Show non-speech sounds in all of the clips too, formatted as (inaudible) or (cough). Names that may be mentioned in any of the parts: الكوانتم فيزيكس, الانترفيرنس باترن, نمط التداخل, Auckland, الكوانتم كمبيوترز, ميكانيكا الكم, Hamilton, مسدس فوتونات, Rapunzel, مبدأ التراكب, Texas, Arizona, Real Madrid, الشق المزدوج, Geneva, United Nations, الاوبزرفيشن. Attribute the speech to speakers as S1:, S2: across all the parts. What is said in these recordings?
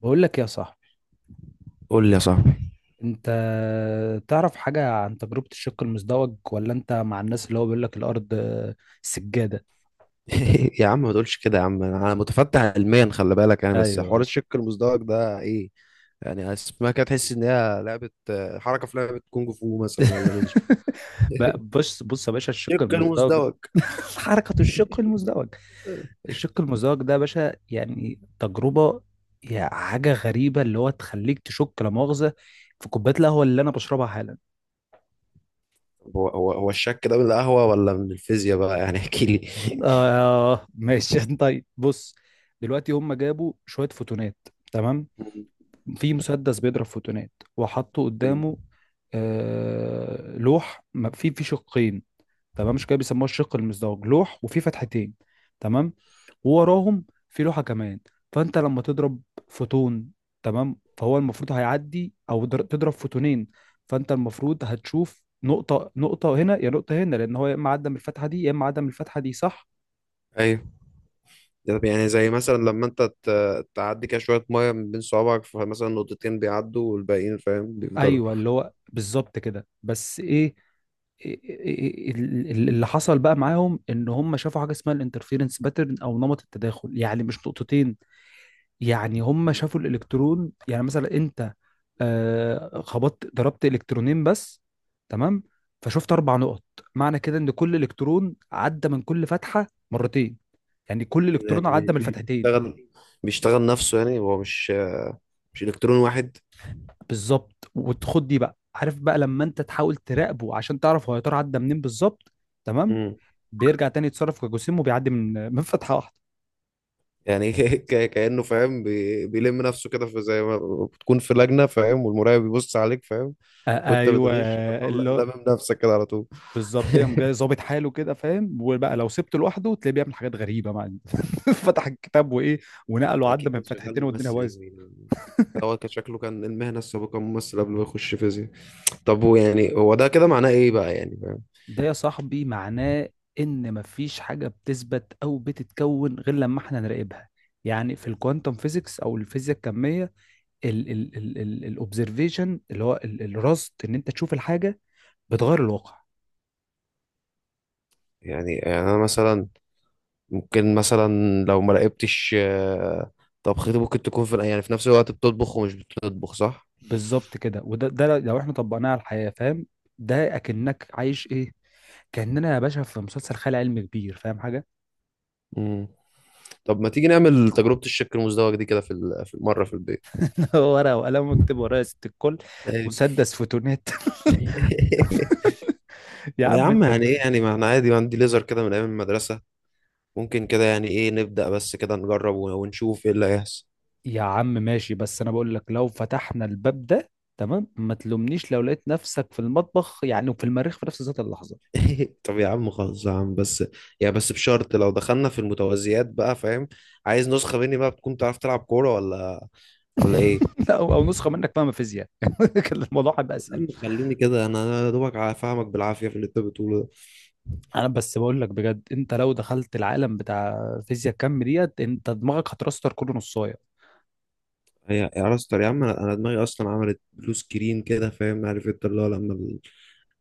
S1: بقول لك يا صاحبي،
S2: قول لي يا صاحبي.
S1: انت تعرف حاجة عن تجربة الشق المزدوج ولا انت مع الناس اللي هو بيقول لك الارض سجادة؟
S2: (laughs) يا عم ما تقولش كده، يا عم انا متفتح علميا، خلي بالك. بس حوار
S1: ايوه.
S2: الشق المزدوج ده ايه؟ يعني اسمها كده تحس ان هي لعبه، حركه في لعبه كونج فو مثلا ولا نينجا.
S1: (laughs) بقى
S2: (laughs)
S1: بص بص يا باشا، الشق
S2: الشق
S1: المزدوج.
S2: المزدوج.
S1: (laughs) حركة الشق المزدوج. الشق المزدوج ده يا باشا يعني تجربة، يعني حاجة غريبة اللي هو تخليك تشك لا مؤاخذة في كوباية القهوة اللي أنا بشربها حالا.
S2: هو الشك ده من القهوه ولا من الفيزياء بقى؟ يعني احكي لي.
S1: آه، ماشي. (laughs) طيب بص، دلوقتي هم جابوا شوية فوتونات، تمام. في مسدس بيضرب فوتونات وحطوا قدامه.
S2: (laughs)
S1: آه، لوح في شقين. تمام، مش كده؟ بيسموها الشق المزدوج، لوح وفي فتحتين. تمام. ووراهم في لوحة كمان. فانت لما تضرب فوتون، تمام، فهو المفروض هيعدي او تضرب فوتونين. فانت المفروض هتشوف نقطة نقطة هنا يا نقطة هنا، لان هو يا اما عدى من الفتحة دي يا اما عدى من الفتحة دي، صح؟
S2: ايوه. ده يعني زي مثلا لما انت تعدي كده شويه ميه من بين صوابعك، فمثلا نقطتين بيعدوا والباقيين، فاهم، بيفضلوا.
S1: ايوه، اللي هو بالظبط كده. بس ايه اللي حصل بقى معاهم، ان هم شافوا حاجه اسمها الانترفيرنس باترن او نمط التداخل. يعني مش نقطتين. يعني هم شافوا الالكترون. يعني مثلا انت ضربت الكترونين بس، تمام. فشفت اربع نقط. معنى كده ان كل الكترون عدى من كل فتحه مرتين. يعني كل
S2: يعني
S1: الكترون عدى من الفتحتين.
S2: بيشتغل، بيشتغل نفسه، يعني هو مش الكترون واحد.
S1: بالظبط. وتخد دي بقى، عارف، بقى لما انت تحاول تراقبه عشان تعرف هو يا ترى عدى منين بالظبط، تمام،
S2: امم
S1: بيرجع تاني يتصرف كجسيم وبيعدي من (laughs) من فتحه واحده.
S2: يعني، (laughs) كأنه فاهم، بيلم نفسه كده، في زي ما بتكون في لجنة، فاهم، والمراقب بيبص عليك، فاهم،
S1: آه،
S2: وانت
S1: ايوه،
S2: بتغش، فتروح
S1: اللي هو
S2: لامم نفسك كده على طول.
S1: بالظبط. ليه قام جاي
S2: (laughs)
S1: ظابط حاله كده، فاهم؟ وبقى لو سبته لوحده تلاقيه بيعمل حاجات غريبه، مع (laughs) فتح الكتاب وايه، ونقله، وعدى
S2: اكيد
S1: من
S2: كان شغال
S1: فتحتين، والدنيا
S2: ممثل يا
S1: بايظه.
S2: زميلي. هو كان شكله كان المهنة السابقة ممثل قبل ما يخش فيزياء. طب هو يعني هو ده كده معناه ايه بقى، يعني فاهم؟
S1: ده يا صاحبي معناه ان مفيش حاجه بتثبت او بتتكون غير لما احنا نراقبها. يعني في الكوانتم فيزيكس او الفيزياء الكميه، الاوبزرفيشن اللي هو الرصد، ان انت تشوف الحاجه، بتغير الواقع.
S2: يعني، يعني انا مثلا ممكن مثلا لو ما راقبتش، طبختي ممكن تكون في، يعني في نفس الوقت بتطبخ ومش بتطبخ، صح؟
S1: بالظبط كده. وده لو احنا طبقناه على الحياه، فاهم، ده اكنك عايش ايه. كاننا يا باشا في مسلسل خيال علمي كبير، فاهم حاجه؟
S2: مم. طب ما تيجي نعمل تجربة الشك المزدوج دي كده في في مرة في البيت؟
S1: (laughs) ورقه وقلم، واكتب ورايا ست الكل.
S2: يعني-
S1: مسدس فوتونات.
S2: (laughs)
S1: (laughs) يا
S2: يا
S1: عم
S2: عم،
S1: انت
S2: يعني ايه،
S1: تقول.
S2: يعني ما احنا عادي، ما عندي ليزر كده من ايام المدرسة، ممكن كده يعني ايه نبدأ بس كده نجرب ونشوف ايه اللي هيحصل.
S1: يا عم ماشي، بس انا بقول لك لو فتحنا الباب ده، تمام، ما تلومنيش لو لقيت نفسك في المطبخ يعني وفي المريخ في نفس ذات اللحظه.
S2: (laughs) طب يا عم خلاص يا عم بس، يا بس بشرط لو دخلنا في المتوازيات بقى، فاهم؟ عايز نسخة مني بقى بتكون تعرف تلعب كورة ولا ولا ايه.
S1: (laughs) لا، او نسخه منك فاهمه فيزياء، (laughs) كان الموضوع هيبقى
S2: يا
S1: اسهل.
S2: عم خليني كده، انا يا دوبك فاهمك بالعافيه في اللي انت بتقوله ده.
S1: انا بس بقول لك بجد، انت لو دخلت العالم بتاع فيزياء الكم ديت انت دماغك هترستر كله نصايه.
S2: هي يا راستر يا عم، أنا دماغي اصلا عملت بلو سكرين كده، فاهم، عارف انت اللي هو لما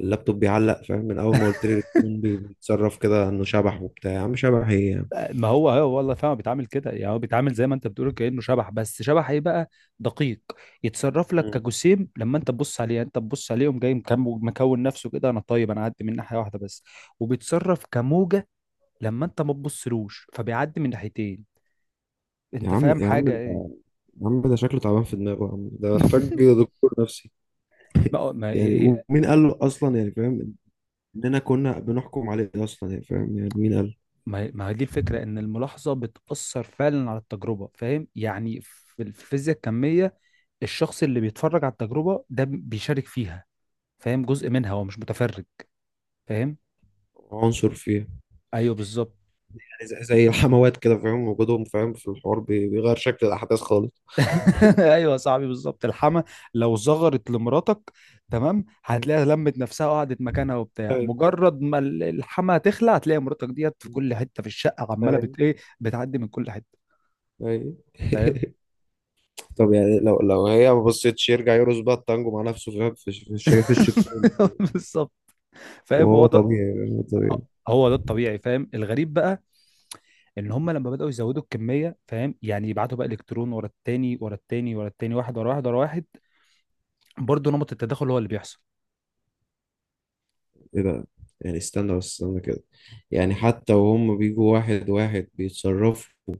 S2: اللابتوب بيعلق، فاهم، من اول ما قلت لي التليفون
S1: (laughs)
S2: بيتصرف كده انه شبح وبتاع، يا عم شبح ايه يعني؟
S1: ما هو هو والله، فاهم، بيتعامل كده. يعني هو بيتعامل زي ما انت بتقول كأنه شبح، بس شبح ايه بقى؟ دقيق. يتصرف لك
S2: مم.
S1: كجسيم لما انت تبص عليه. يعني انت تبص عليه قوم جاي مكون نفسه كده، انا طيب انا هعدي من ناحيه واحده بس. وبيتصرف كموجه لما انت ما تبصلوش فبيعدي من ناحيتين.
S2: يا
S1: انت
S2: عم،
S1: فاهم
S2: يا عم
S1: حاجه
S2: ده،
S1: ايه؟
S2: يا عم ده شكله تعبان في دماغه، يا عم ده محتاج
S1: (laughs)
S2: دكتور نفسي.
S1: ما ما-
S2: يعني
S1: إيه- إيه-
S2: ومين قال له اصلا، يعني فاهم، اننا كنا بنحكم عليه اصلا، يعني فاهم، يعني مين قال؟
S1: ما هي دي الفكرة إن الملاحظة بتأثر فعلا على التجربة، فاهم، يعني في الفيزياء الكمية الشخص اللي بيتفرج على التجربة ده بيشارك فيها، فاهم، جزء منها، هو مش متفرج، فاهم؟
S2: عنصر فيه.
S1: أيوه بالظبط.
S2: زي زي الحموات كده، فاهم، وجودهم، فاهم، في الحوار بيغير شكل الأحداث خالص.
S1: (laughs) أيوه يا صاحبي بالظبط، الحما لو زغرت لمراتك، تمام، هتلاقيها لمت نفسها وقعدت مكانها وبتاع.
S2: أيوه،
S1: مجرد ما الحما تخلع هتلاقي مراتك ديت في كل حتة في الشقة عمالة
S2: أيوه،
S1: إيه، بتعدي من كل حتة،
S2: أيوه.
S1: فاهم.
S2: (laughs) طب يعني لو لو هي ما بصيتش يرجع يرقص بقى التانجو مع نفسه، فاهم، في في في
S1: (laughs)
S2: الشكون.
S1: بالظبط. فاهم هو
S2: وهو
S1: ده.
S2: طبيعي، فاهم؟ هو طبيعي.
S1: هو ده الطبيعي، فاهم. الغريب بقى ان هم لما بداوا يزودوا الكميه، فاهم، يعني يبعتوا بقى الكترون ورا التاني ورا التاني ورا التاني، واحد ورا واحد ورا واحد، برضه نمط التداخل هو اللي بيحصل.
S2: ايه ده؟ يعني استنى بس استنى كده، يعني حتى وهم بيجوا واحد واحد بيتصرفوا،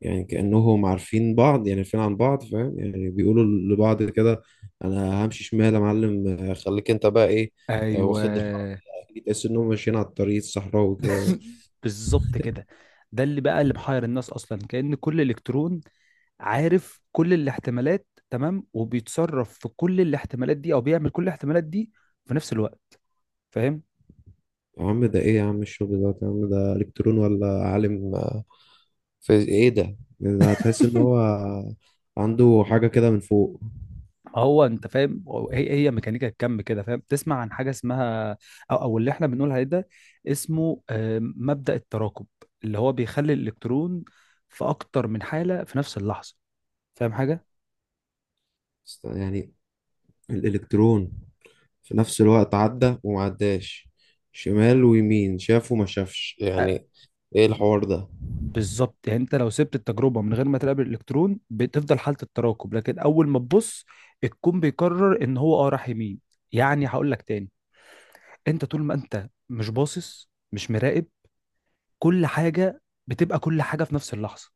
S2: يعني كأنهم عارفين بعض، يعني عارفين عن بعض، فاهم، يعني بيقولوا لبعض كده: انا همشي شمال يا معلم، خليك انت بقى ايه،
S1: ايوه.
S2: واخد الحركة دي. تحس انهم ماشيين على الطريق الصحراوي كده.
S1: (laughs) بالظبط كده. ده اللي بقى اللي محير الناس اصلا، كأن كل الكترون عارف كل الاحتمالات، تمام، وبيتصرف في كل الاحتمالات دي او بيعمل كل الاحتمالات دي في نفس الوقت، فاهم.
S2: يا عم ده ايه يا عم الشغل ده، يا عم ده الكترون ولا عالم، في ايه ده؟ يعني ده هتحس ان هو عنده حاجة كده من فوق.
S1: هو انت فاهم، هي ميكانيكا الكم كده، فاهم، تسمع عن حاجه اسمها او اللي احنا بنقول عليه ده، اسمه مبدأ التراكب، اللي هو بيخلي الالكترون في اكتر من حاله في نفس اللحظه، فاهم حاجه.
S2: يعني الالكترون في نفس الوقت عدى وما عداش، شمال ويمين، شاف وما شافش
S1: آه،
S2: يعني، ايه الحوار ده؟
S1: بالظبط. يعني انت لو سبت التجربه من غير ما تقابل الالكترون بتفضل حاله التراكب، لكن اول ما تبص الكون بيقرر ان هو راح يمين. يعني هقول لك تاني، انت طول ما انت مش باصص مش مراقب كل حاجه بتبقى كل حاجه في نفس اللحظه.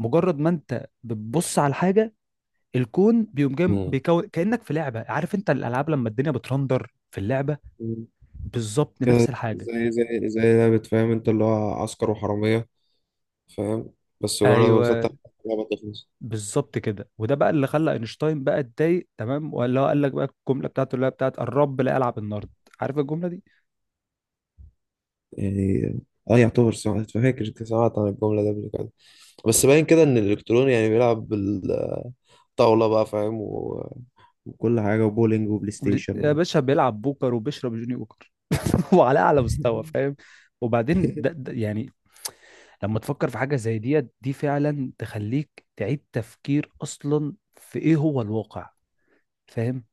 S1: مجرد ما انت بتبص على الحاجه، الكون بيقوم جاي
S2: مم.
S1: بيكون كانك في لعبه. عارف انت الالعاب لما الدنيا بترندر في اللعبه؟
S2: مم.
S1: بالظبط
S2: كده
S1: نفس الحاجه.
S2: زي زي زي لعبة، فاهم، انت اللي هو عسكر وحرامية، فاهم، بس مجرد ما
S1: ايوه
S2: بسطح اللعبة تخلص.
S1: بالظبط كده. وده بقى اللي خلى اينشتاين بقى اتضايق، تمام، ولا هو قال لك بقى الجمله بتاعته اللي هي بتاعت الرب لا يلعب النرد، عارف الجمله دي؟
S2: يعني اه يعتبر سمعت، فاكر كنت سمعت عن الجملة دي قبل كده، بس باين كده ان الالكتروني يعني بيلعب بالطاولة بقى، فاهم، وكل حاجة وبولينج وبلاي ستيشن
S1: يا باشا بيلعب بوكر وبيشرب جوني بوكر، (laughs) وعلى اعلى مستوى، فاهم. وبعدين ده,
S2: (laughs)
S1: ده يعني لما تفكر في حاجه زي ديت دي فعلا تخليك تعيد تفكير اصلا في ايه هو الواقع، فاهم.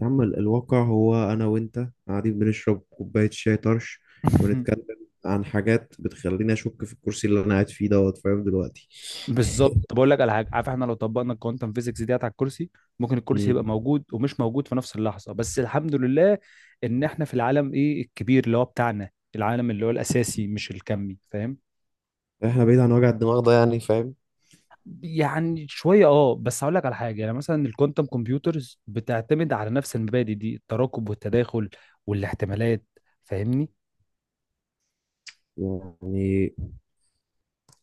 S2: يا عم الواقع هو انا وانت قاعدين بنشرب كوباية شاي طرش،
S1: (laughs)
S2: ونتكلم عن حاجات بتخليني اشك في الكرسي اللي انا قاعد فيه دوت، فاهم، دلوقتي.
S1: بالظبط. طب اقول لك على حاجه، عارف، احنا لو طبقنا الكوانتم فيزيكس ديت على الكرسي، ممكن الكرسي
S2: مم.
S1: يبقى موجود ومش موجود في نفس اللحظه. بس الحمد لله ان احنا في العالم ايه الكبير اللي هو بتاعنا، العالم اللي هو الاساسي مش الكمي، فاهم.
S2: احنا بعيد عن وجع الدماغ ده يعني، فاهم.
S1: يعني شويه. اه بس هقول لك على حاجه، يعني مثلا الكوانتم كمبيوترز بتعتمد على نفس المبادئ دي، التراكب والتداخل والاحتمالات، فاهمني.
S2: يعني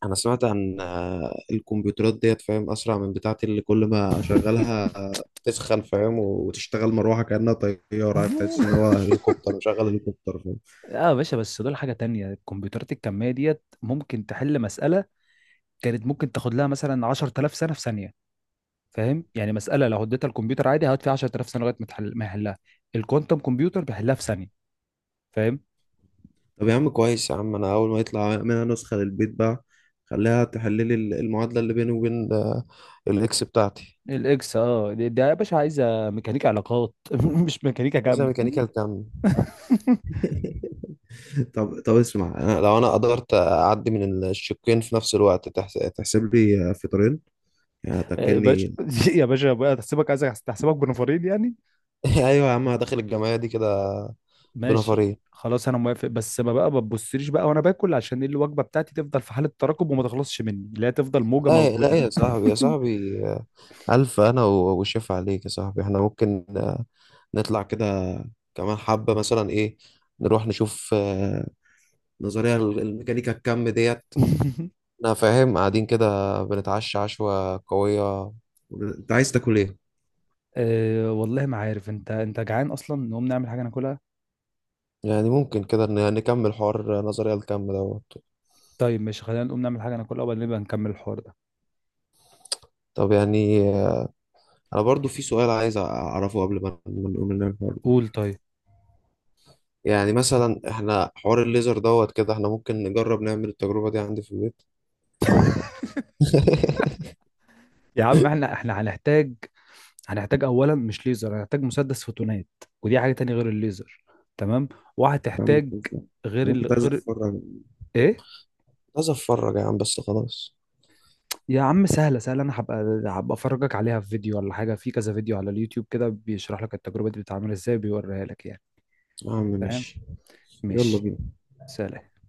S2: انا سمعت عن، الكمبيوترات ديت، فاهم، اسرع من بتاعتي اللي كل ما اشغلها تسخن، فاهم، وتشتغل مروحه كانها طياره، عارف، تحس ان هو
S1: (laughs)
S2: هليكوبتر، مشغل هليكوبتر، فاهم.
S1: اه يا باشا بس دول حاجه تانية. الكمبيوترات الكميه ديت ممكن تحل مساله كانت ممكن تاخد لها مثلا 10000 سنه في ثانيه. فاهم، يعني مساله لو اديتها الكمبيوتر عادي هيقعد فيها 10000 سنه لغايه ما يحلها، الكوانتم كمبيوتر بيحلها في ثانيه، فاهم.
S2: طب يا عم كويس يا عم، انا اول ما يطلع منها نسخه للبيت بقى، خليها تحل لي المعادله اللي بيني وبين، الاكس بتاعتي.
S1: الاكس دي يا باشا عايزه ميكانيكا علاقات، (laughs) مش ميكانيكا
S2: اذا
S1: كم.
S2: ميكانيكال كام.
S1: (laughs)
S2: (laughs) طب طب اسمع، أنا لو انا قدرت اعدي من الشقين في نفس الوقت تحسب لي فطرين، يعني
S1: يا باشا
S2: هتاكلني؟
S1: يا باشا بقى، تحسبك بنفرين يعني.
S2: (laughs) ايوه يا عم، داخل الجمعيه دي كده،
S1: ماشي.
S2: بنفرين.
S1: خلاص انا موافق بس ما بقى ما تبصليش بقى وانا باكل، عشان الوجبه بتاعتي تفضل في حاله تراكم وما تخلصش مني، لا تفضل موجه
S2: لا، لا
S1: موجوده.
S2: يا صاحبي، يا صاحبي الف، وشيف عليك يا صاحبي. احنا ممكن نطلع كده كمان حبه مثلا، ايه، نروح نشوف، نظريه الميكانيكا الكم ديت.
S1: (laughs)
S2: انا فاهم، قاعدين كده بنتعشى عشوه قويه. انت عايز تاكل ايه؟
S1: أه والله ما عارف. انت جعان اصلا؟ نقوم نعمل حاجه ناكلها.
S2: يعني ممكن كده نكمل حوار نظريه الكم دوت.
S1: طيب ماشي، خلينا نقوم نعمل حاجه ناكلها وبعدين نبقى نكمل الحوار ده.
S2: طب يعني، انا برضو في سؤال عايز اعرفه قبل ما نقوم من الحوار.
S1: قول طيب.
S2: يعني مثلا احنا حوار الليزر دوت كده، احنا ممكن نجرب نعمل التجربة دي عندي في البيت؟ (laughs)
S1: يا عم احنا هنحتاج اولا مش ليزر، هنحتاج مسدس فوتونات، ودي حاجه تانية غير الليزر، تمام.
S2: يا عم
S1: وهتحتاج
S2: خلصان. انا كنت عايز
S1: غير
S2: اتفرج،
S1: ايه؟
S2: كنت عايز اتفرج يا عم، بس خلاص.
S1: يا عم سهله سهله، انا هبقى افرجك عليها في فيديو ولا حاجه. في كذا فيديو على اليوتيوب كده بيشرح لك التجربه دي بتتعمل ازاي، بيوريها لك يعني،
S2: يا عم
S1: فاهم.
S2: ماشي، يلا
S1: ماشي.
S2: بينا.
S1: سلام.